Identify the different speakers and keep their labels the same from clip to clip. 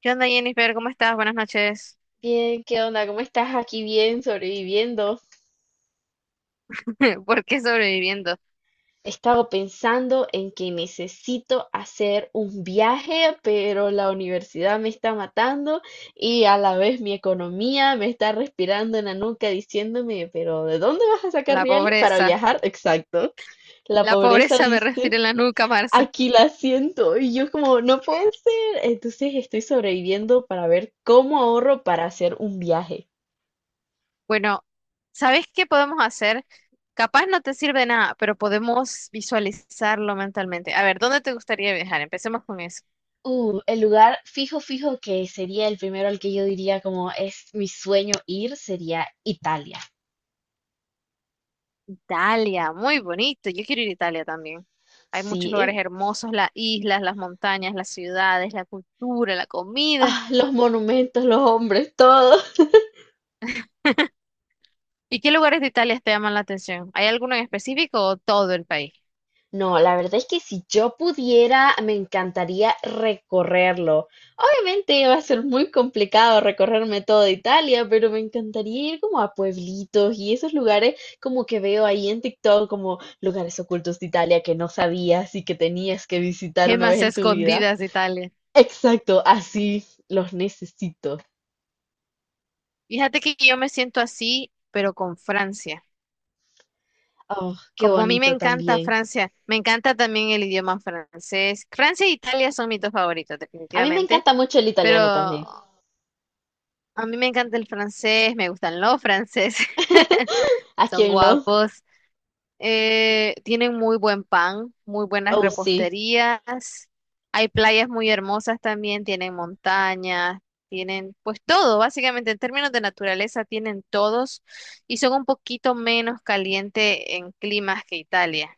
Speaker 1: ¿Qué onda, Jennifer? ¿Cómo estás? Buenas noches.
Speaker 2: Bien, ¿qué onda? ¿Cómo estás? Aquí bien, sobreviviendo.
Speaker 1: ¿Por qué sobreviviendo?
Speaker 2: He estado pensando en que necesito hacer un viaje, pero la universidad me está matando y a la vez mi economía me está respirando en la nuca diciéndome, pero ¿de dónde vas a sacar
Speaker 1: La
Speaker 2: reales para
Speaker 1: pobreza.
Speaker 2: viajar? Exacto. La
Speaker 1: La
Speaker 2: pobreza
Speaker 1: pobreza me
Speaker 2: dice,
Speaker 1: respira en la nuca, Marce.
Speaker 2: aquí la siento y yo como, no puede ser. Entonces estoy sobreviviendo para ver cómo ahorro para hacer un viaje.
Speaker 1: Bueno, ¿sabes qué podemos hacer? Capaz no te sirve de nada, pero podemos visualizarlo mentalmente. A ver, ¿dónde te gustaría viajar? Empecemos con eso.
Speaker 2: El lugar fijo que sería el primero al que yo diría como es mi sueño ir sería Italia.
Speaker 1: Italia, muy bonito. Yo quiero ir a Italia también. Hay muchos
Speaker 2: Sí,
Speaker 1: lugares hermosos, las islas, las montañas, las ciudades, la cultura, la comida.
Speaker 2: ah, los monumentos, los hombres, todo.
Speaker 1: ¿Y qué lugares de Italia te llaman la atención? ¿Hay alguno en específico o todo el país?
Speaker 2: No, la verdad es que si yo pudiera, me encantaría recorrerlo. Obviamente va a ser muy complicado recorrerme toda Italia, pero me encantaría ir como a pueblitos y esos lugares como que veo ahí en TikTok, como lugares ocultos de Italia que no sabías y que tenías que visitar una vez
Speaker 1: Gemas
Speaker 2: en tu vida.
Speaker 1: escondidas de Italia.
Speaker 2: Exacto, así los necesito.
Speaker 1: Fíjate que yo me siento así, pero con Francia.
Speaker 2: Oh, qué
Speaker 1: Como a mí me
Speaker 2: bonito
Speaker 1: encanta
Speaker 2: también.
Speaker 1: Francia, me encanta también el idioma francés. Francia e Italia son mis dos favoritos,
Speaker 2: A mí me
Speaker 1: definitivamente.
Speaker 2: encanta mucho el
Speaker 1: Pero
Speaker 2: italiano también.
Speaker 1: a mí me encanta el francés, me gustan los franceses,
Speaker 2: ¿A
Speaker 1: son
Speaker 2: quién no?
Speaker 1: guapos. Tienen muy buen pan, muy buenas
Speaker 2: Oh, sí.
Speaker 1: reposterías. Hay playas muy hermosas también, tienen montañas, tienen pues todo, básicamente en términos de naturaleza tienen todos y son un poquito menos caliente en climas que Italia.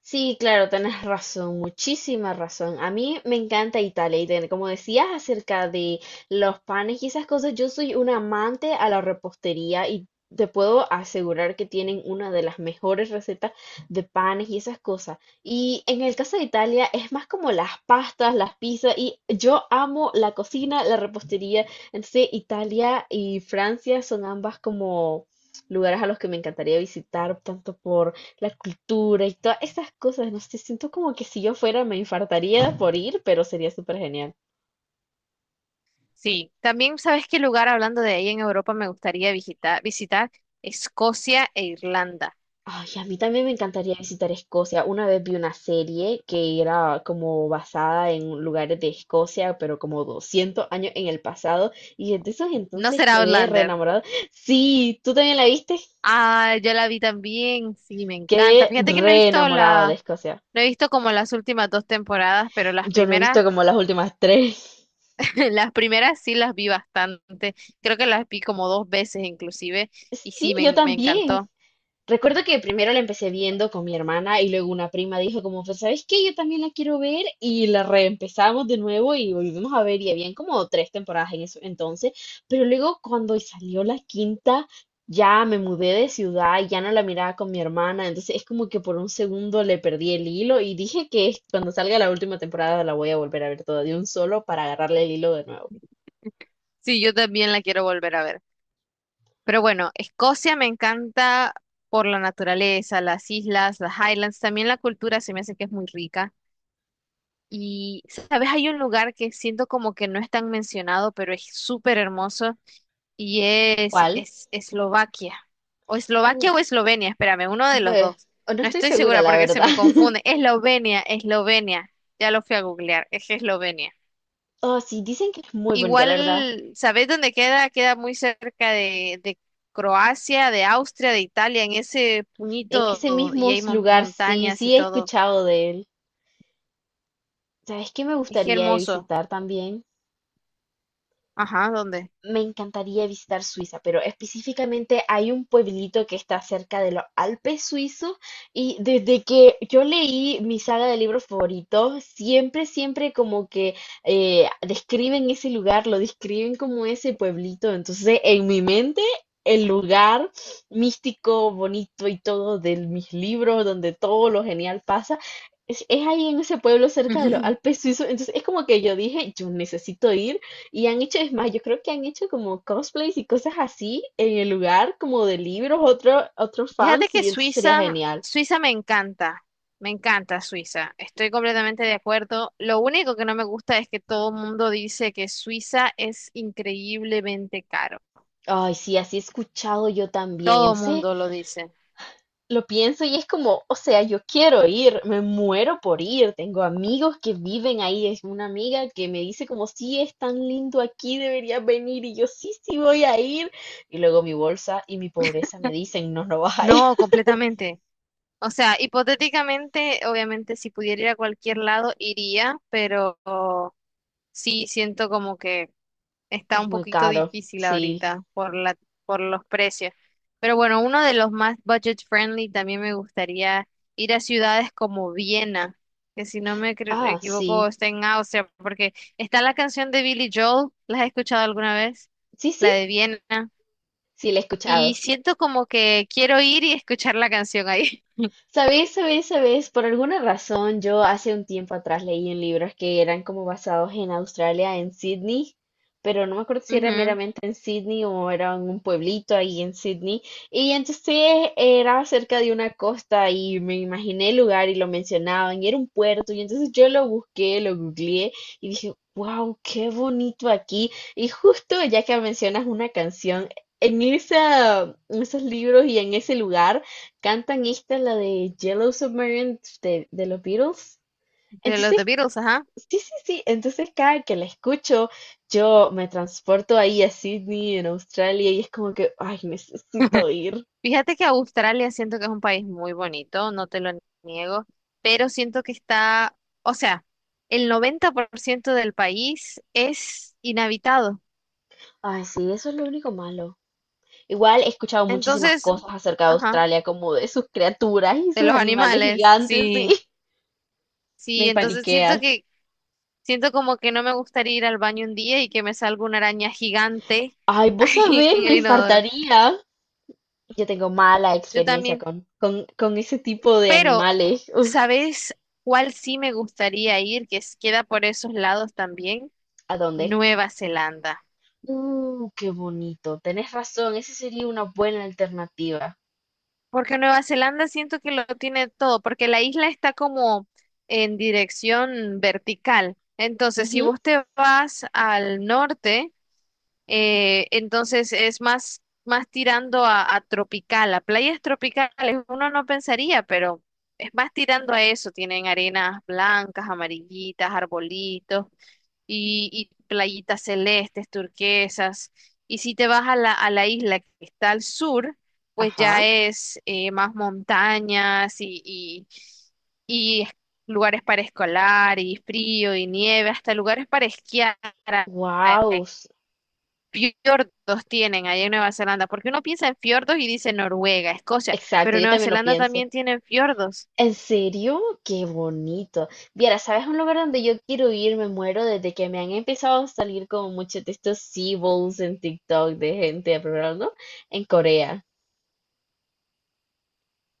Speaker 2: Sí, claro, tenés razón, muchísima razón. A mí me encanta Italia y como decías acerca de los panes y esas cosas, yo soy una amante a la repostería y te puedo asegurar que tienen una de las mejores recetas de panes y esas cosas. Y en el caso de Italia es más como las pastas, las pizzas y yo amo la cocina, la repostería. Entonces Italia y Francia son ambas como lugares a los que me encantaría visitar, tanto por la cultura y todas estas cosas. No sé, siento como que si yo fuera me infartaría por ir, pero sería súper genial.
Speaker 1: Sí, también sabes qué lugar hablando de ahí en Europa me gustaría visitar Escocia e Irlanda.
Speaker 2: Ay, a mí también me encantaría visitar Escocia. Una vez vi una serie que era como basada en lugares de Escocia, pero como 200 años en el pasado. Y desde esos
Speaker 1: ¿No
Speaker 2: entonces
Speaker 1: será
Speaker 2: quedé re
Speaker 1: Outlander?
Speaker 2: enamorada. Sí, ¿tú también la viste?
Speaker 1: Ah, yo la vi también, sí, me encanta.
Speaker 2: Quedé
Speaker 1: Fíjate que no he
Speaker 2: re
Speaker 1: visto
Speaker 2: enamorada de
Speaker 1: la
Speaker 2: Escocia.
Speaker 1: no he visto como las últimas dos temporadas, pero las
Speaker 2: Yo no he
Speaker 1: primeras,
Speaker 2: visto como las últimas tres.
Speaker 1: las primeras sí las vi bastante. Creo que las vi como dos veces inclusive y
Speaker 2: Sí,
Speaker 1: sí,
Speaker 2: yo
Speaker 1: me
Speaker 2: también.
Speaker 1: encantó.
Speaker 2: Recuerdo que primero la empecé viendo con mi hermana y luego una prima dijo como, pues, ¿sabes qué? Yo también la quiero ver, y la reempezamos de nuevo y volvimos a ver, y habían como tres temporadas en eso entonces, pero luego cuando salió la quinta ya me mudé de ciudad y ya no la miraba con mi hermana, entonces es como que por un segundo le perdí el hilo y dije cuando salga la última temporada la voy a volver a ver toda de un solo para agarrarle el hilo de nuevo.
Speaker 1: Sí, yo también la quiero volver a ver. Pero bueno, Escocia me encanta por la naturaleza, las islas, las Highlands, también la cultura se me hace que es muy rica. Y, ¿sabes? Hay un lugar que siento como que no es tan mencionado, pero es súper hermoso. Y es,
Speaker 2: ¿Cuál?
Speaker 1: es Eslovaquia. O
Speaker 2: Uh,
Speaker 1: Eslovaquia o Eslovenia, espérame, uno de los
Speaker 2: pues,
Speaker 1: dos.
Speaker 2: no
Speaker 1: No
Speaker 2: estoy
Speaker 1: estoy
Speaker 2: segura,
Speaker 1: segura
Speaker 2: la
Speaker 1: porque se
Speaker 2: verdad.
Speaker 1: me confunde. Eslovenia, Eslovenia. Ya lo fui a googlear, es Eslovenia.
Speaker 2: Oh, sí, dicen que es muy bonito, la verdad.
Speaker 1: Igual, ¿sabés dónde queda? Queda muy cerca de Croacia, de Austria, de Italia, en ese
Speaker 2: En
Speaker 1: puñito
Speaker 2: ese
Speaker 1: y
Speaker 2: mismo
Speaker 1: hay
Speaker 2: lugar, sí,
Speaker 1: montañas y
Speaker 2: sí he
Speaker 1: todo.
Speaker 2: escuchado de él. ¿Sabes qué me
Speaker 1: Es
Speaker 2: gustaría
Speaker 1: hermoso.
Speaker 2: visitar también?
Speaker 1: Ajá, ¿dónde?
Speaker 2: Me encantaría visitar Suiza, pero específicamente hay un pueblito que está cerca de los Alpes suizos, y desde que yo leí mi saga de libros favoritos, siempre, siempre como que describen ese lugar, lo describen como ese pueblito. Entonces, en mi mente, el lugar místico, bonito y todo de mis libros, donde todo lo genial pasa, es ahí en ese pueblo cerca de los Alpes suizos. Entonces, es como que yo dije, yo necesito ir. Y han hecho, es más, yo creo que han hecho como cosplays y cosas así en el lugar, como de libros, otros
Speaker 1: Fíjate
Speaker 2: fans,
Speaker 1: que
Speaker 2: y eso sería
Speaker 1: Suiza,
Speaker 2: genial.
Speaker 1: Suiza me encanta Suiza, estoy completamente de acuerdo. Lo único que no me gusta es que todo el mundo dice que Suiza es increíblemente caro.
Speaker 2: Ay, sí, así he escuchado yo también.
Speaker 1: Todo el
Speaker 2: Entonces
Speaker 1: mundo lo dice.
Speaker 2: lo pienso y es como, o sea, yo quiero ir, me muero por ir. Tengo amigos que viven ahí. Es una amiga que me dice como, sí, es tan lindo aquí, deberías venir. Y yo, sí, sí, voy a ir. Y luego mi bolsa y mi pobreza me dicen, no, no vas a ir.
Speaker 1: No, completamente. O sea, hipotéticamente, obviamente, si pudiera ir a cualquier lado, iría, pero sí siento como que está
Speaker 2: Es
Speaker 1: un
Speaker 2: muy
Speaker 1: poquito
Speaker 2: caro.
Speaker 1: difícil
Speaker 2: Sí.
Speaker 1: ahorita por por los precios. Pero bueno, uno de los más budget friendly también me gustaría ir a ciudades como Viena, que si no me
Speaker 2: Ah,
Speaker 1: equivoco
Speaker 2: sí.
Speaker 1: está en Austria, porque está la canción de Billy Joel, ¿la has escuchado alguna vez?
Speaker 2: Sí, sí,
Speaker 1: La de Viena.
Speaker 2: sí, la he
Speaker 1: Y
Speaker 2: escuchado.
Speaker 1: siento como que quiero ir y escuchar la canción ahí.
Speaker 2: Sabéis, sabéis, sabéis, por alguna razón yo hace un tiempo atrás leí en libros que eran como basados en Australia, en Sydney, pero no me acuerdo si era
Speaker 1: Ujú.
Speaker 2: meramente en Sydney o era en un pueblito ahí en Sydney. Y entonces era cerca de una costa y me imaginé el lugar y lo mencionaban y era un puerto y entonces yo lo busqué, lo googleé y dije, wow, qué bonito aquí. Y justo ya que mencionas una canción, en esa, en esos libros y en ese lugar, cantan esta, la de Yellow Submarine de los Beatles.
Speaker 1: De los The
Speaker 2: Entonces,
Speaker 1: Beatles, ajá.
Speaker 2: sí, sí, sí. Entonces, cada que la escucho, yo me transporto ahí a Sydney, en Australia, y es como que, ay, necesito ir.
Speaker 1: Fíjate que Australia siento que es un país muy bonito, no te lo niego, pero siento que está, o sea, el 90% del país es inhabitado.
Speaker 2: Ay, sí, eso es lo único malo. Igual he escuchado muchísimas
Speaker 1: Entonces,
Speaker 2: cosas acerca de
Speaker 1: ajá,
Speaker 2: Australia, como de sus criaturas y
Speaker 1: de
Speaker 2: sus
Speaker 1: los
Speaker 2: animales
Speaker 1: animales,
Speaker 2: gigantes, sí.
Speaker 1: sí,
Speaker 2: Me
Speaker 1: sí, entonces
Speaker 2: paniquea.
Speaker 1: siento como que no me gustaría ir al baño un día y que me salga una araña gigante
Speaker 2: Ay, vos
Speaker 1: ahí
Speaker 2: sabés,
Speaker 1: en
Speaker 2: me
Speaker 1: el inodoro.
Speaker 2: infartaría. Yo tengo mala
Speaker 1: Yo
Speaker 2: experiencia
Speaker 1: también,
Speaker 2: con ese tipo de
Speaker 1: pero,
Speaker 2: animales. Uf,
Speaker 1: ¿sabes cuál sí me gustaría ir? Que queda por esos lados también,
Speaker 2: ¿a dónde?
Speaker 1: Nueva Zelanda.
Speaker 2: Qué bonito. Tenés razón, esa sería una buena alternativa.
Speaker 1: Porque Nueva Zelanda siento que lo tiene todo, porque la isla está como en dirección vertical. Entonces, si
Speaker 2: Ujú,
Speaker 1: vos te vas al norte, entonces es más tirando a tropical, a playas tropicales. Uno no pensaría, pero es más tirando a eso. Tienen arenas blancas, amarillitas, arbolitos y playitas celestes, turquesas. Y si te vas a a la isla que está al sur, pues ya
Speaker 2: ajá.
Speaker 1: es más montañas y lugares para escolar y frío y nieve, hasta lugares para esquiar.
Speaker 2: Wow.
Speaker 1: Hay fiordos tienen allá en Nueva Zelanda, porque uno piensa en fiordos y dice Noruega, Escocia,
Speaker 2: Exacto,
Speaker 1: pero
Speaker 2: yo
Speaker 1: Nueva
Speaker 2: también lo
Speaker 1: Zelanda
Speaker 2: pienso.
Speaker 1: también tienen fiordos.
Speaker 2: ¿En serio? Qué bonito. Viera, ¿sabes un lugar donde yo quiero ir? Me muero desde que me han empezado a salir como muchos de estos Seaballs en TikTok de gente, ¿no? En Corea.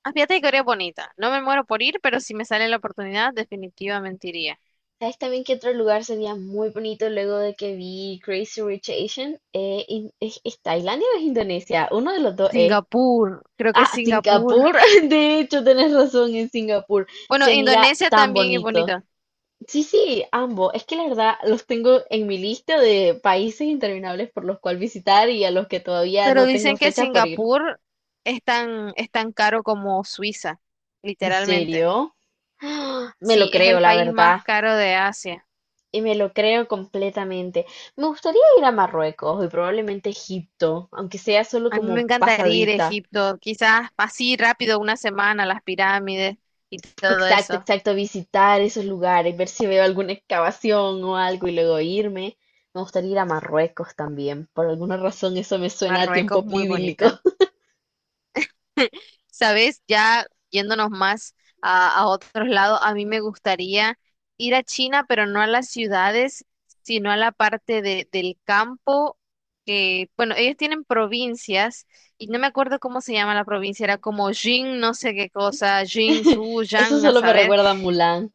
Speaker 1: Ah, fíjate que Corea bonita. No me muero por ir, pero si me sale la oportunidad, definitivamente iría.
Speaker 2: ¿Sabes también que otro lugar sería muy bonito luego de que vi Crazy Rich Asian? ¿Es Tailandia o es Indonesia? Uno de los dos es.
Speaker 1: Singapur, creo que es
Speaker 2: Ah,
Speaker 1: Singapur.
Speaker 2: Singapur. De hecho, tenés razón, en Singapur.
Speaker 1: Bueno,
Speaker 2: Se mira
Speaker 1: Indonesia
Speaker 2: tan
Speaker 1: también es
Speaker 2: bonito.
Speaker 1: bonita,
Speaker 2: Sí, sí, ambos. Es que la verdad los tengo en mi lista de países interminables por los cuales visitar y a los que todavía
Speaker 1: pero
Speaker 2: no tengo
Speaker 1: dicen que
Speaker 2: fecha por ir.
Speaker 1: Singapur es tan caro como Suiza,
Speaker 2: ¿En
Speaker 1: literalmente.
Speaker 2: serio? ¡Ah! Me lo
Speaker 1: Sí, es
Speaker 2: creo,
Speaker 1: el
Speaker 2: la
Speaker 1: país
Speaker 2: verdad.
Speaker 1: más caro de Asia.
Speaker 2: Y me lo creo completamente. Me gustaría ir a Marruecos y probablemente Egipto, aunque sea solo
Speaker 1: A mí me
Speaker 2: como
Speaker 1: encantaría ir a
Speaker 2: pasadita.
Speaker 1: Egipto, quizás así rápido, una semana, las pirámides y todo
Speaker 2: Exacto,
Speaker 1: eso.
Speaker 2: exacto, visitar esos lugares, ver si veo alguna excavación o algo y luego irme. Me gustaría ir a Marruecos también. Por alguna razón eso me suena a tiempo
Speaker 1: Marruecos muy
Speaker 2: bíblico.
Speaker 1: bonita. Sabes, ya yéndonos más a otros lados, a mí me gustaría ir a China, pero no a las ciudades, sino a la parte del campo, que, bueno, ellos tienen provincias, y no me acuerdo cómo se llama la provincia, era como Jing, no sé qué cosa, Jing, Su,
Speaker 2: Eso
Speaker 1: Yang, a
Speaker 2: solo me
Speaker 1: saber,
Speaker 2: recuerda a Mulan.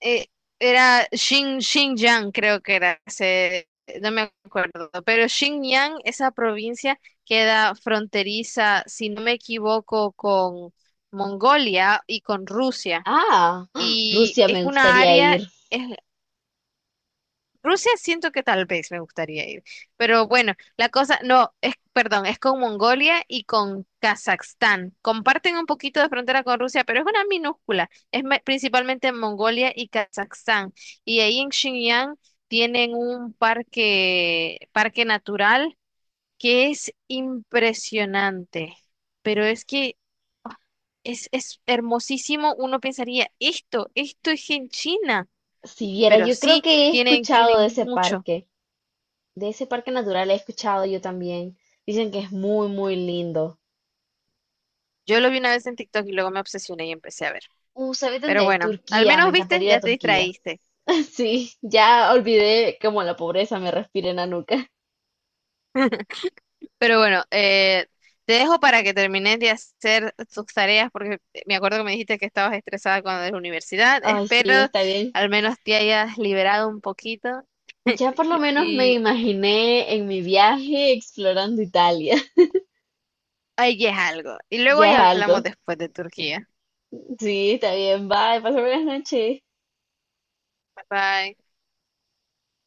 Speaker 1: eh, era Xinjiang, creo que era, no me acuerdo, pero Xinjiang, esa provincia queda fronteriza, si no me equivoco, con Mongolia y con Rusia.
Speaker 2: Ah, ¡ah!
Speaker 1: Y
Speaker 2: Rusia,
Speaker 1: es
Speaker 2: me
Speaker 1: una
Speaker 2: gustaría
Speaker 1: área,
Speaker 2: ir.
Speaker 1: es, Rusia siento que tal vez me gustaría ir, pero bueno, la cosa, no, es, perdón, es con Mongolia y con Kazajstán. Comparten un poquito de frontera con Rusia, pero es una minúscula. Es principalmente Mongolia y Kazajstán. Y ahí en Xinjiang tienen un parque natural que es impresionante, pero es que es hermosísimo. Uno pensaría, esto es en China,
Speaker 2: Si viera,
Speaker 1: pero
Speaker 2: yo creo
Speaker 1: sí,
Speaker 2: que he escuchado
Speaker 1: tienen mucho.
Speaker 2: de ese parque natural he escuchado yo también. Dicen que es muy, muy lindo.
Speaker 1: Yo lo vi una vez en TikTok y luego me obsesioné y empecé a ver.
Speaker 2: ¿Sabes
Speaker 1: Pero
Speaker 2: dónde?
Speaker 1: bueno, al
Speaker 2: Turquía, me
Speaker 1: menos viste,
Speaker 2: encantaría ir a
Speaker 1: ya te
Speaker 2: Turquía.
Speaker 1: distraíste.
Speaker 2: Sí, ya olvidé cómo la pobreza me respira en la nuca.
Speaker 1: Pero bueno, te dejo para que termines de hacer tus tareas porque me acuerdo que me dijiste que estabas estresada cuando de la universidad.
Speaker 2: Ay,
Speaker 1: Espero
Speaker 2: sí, está bien.
Speaker 1: al menos te hayas liberado un poquito
Speaker 2: Ya por lo menos me
Speaker 1: y
Speaker 2: imaginé en mi viaje explorando Italia.
Speaker 1: ahí es algo. Y luego ahí
Speaker 2: Ya es algo.
Speaker 1: hablamos después de Turquía.
Speaker 2: Sí, está bien. Bye, pasa buenas noches.
Speaker 1: Bye bye.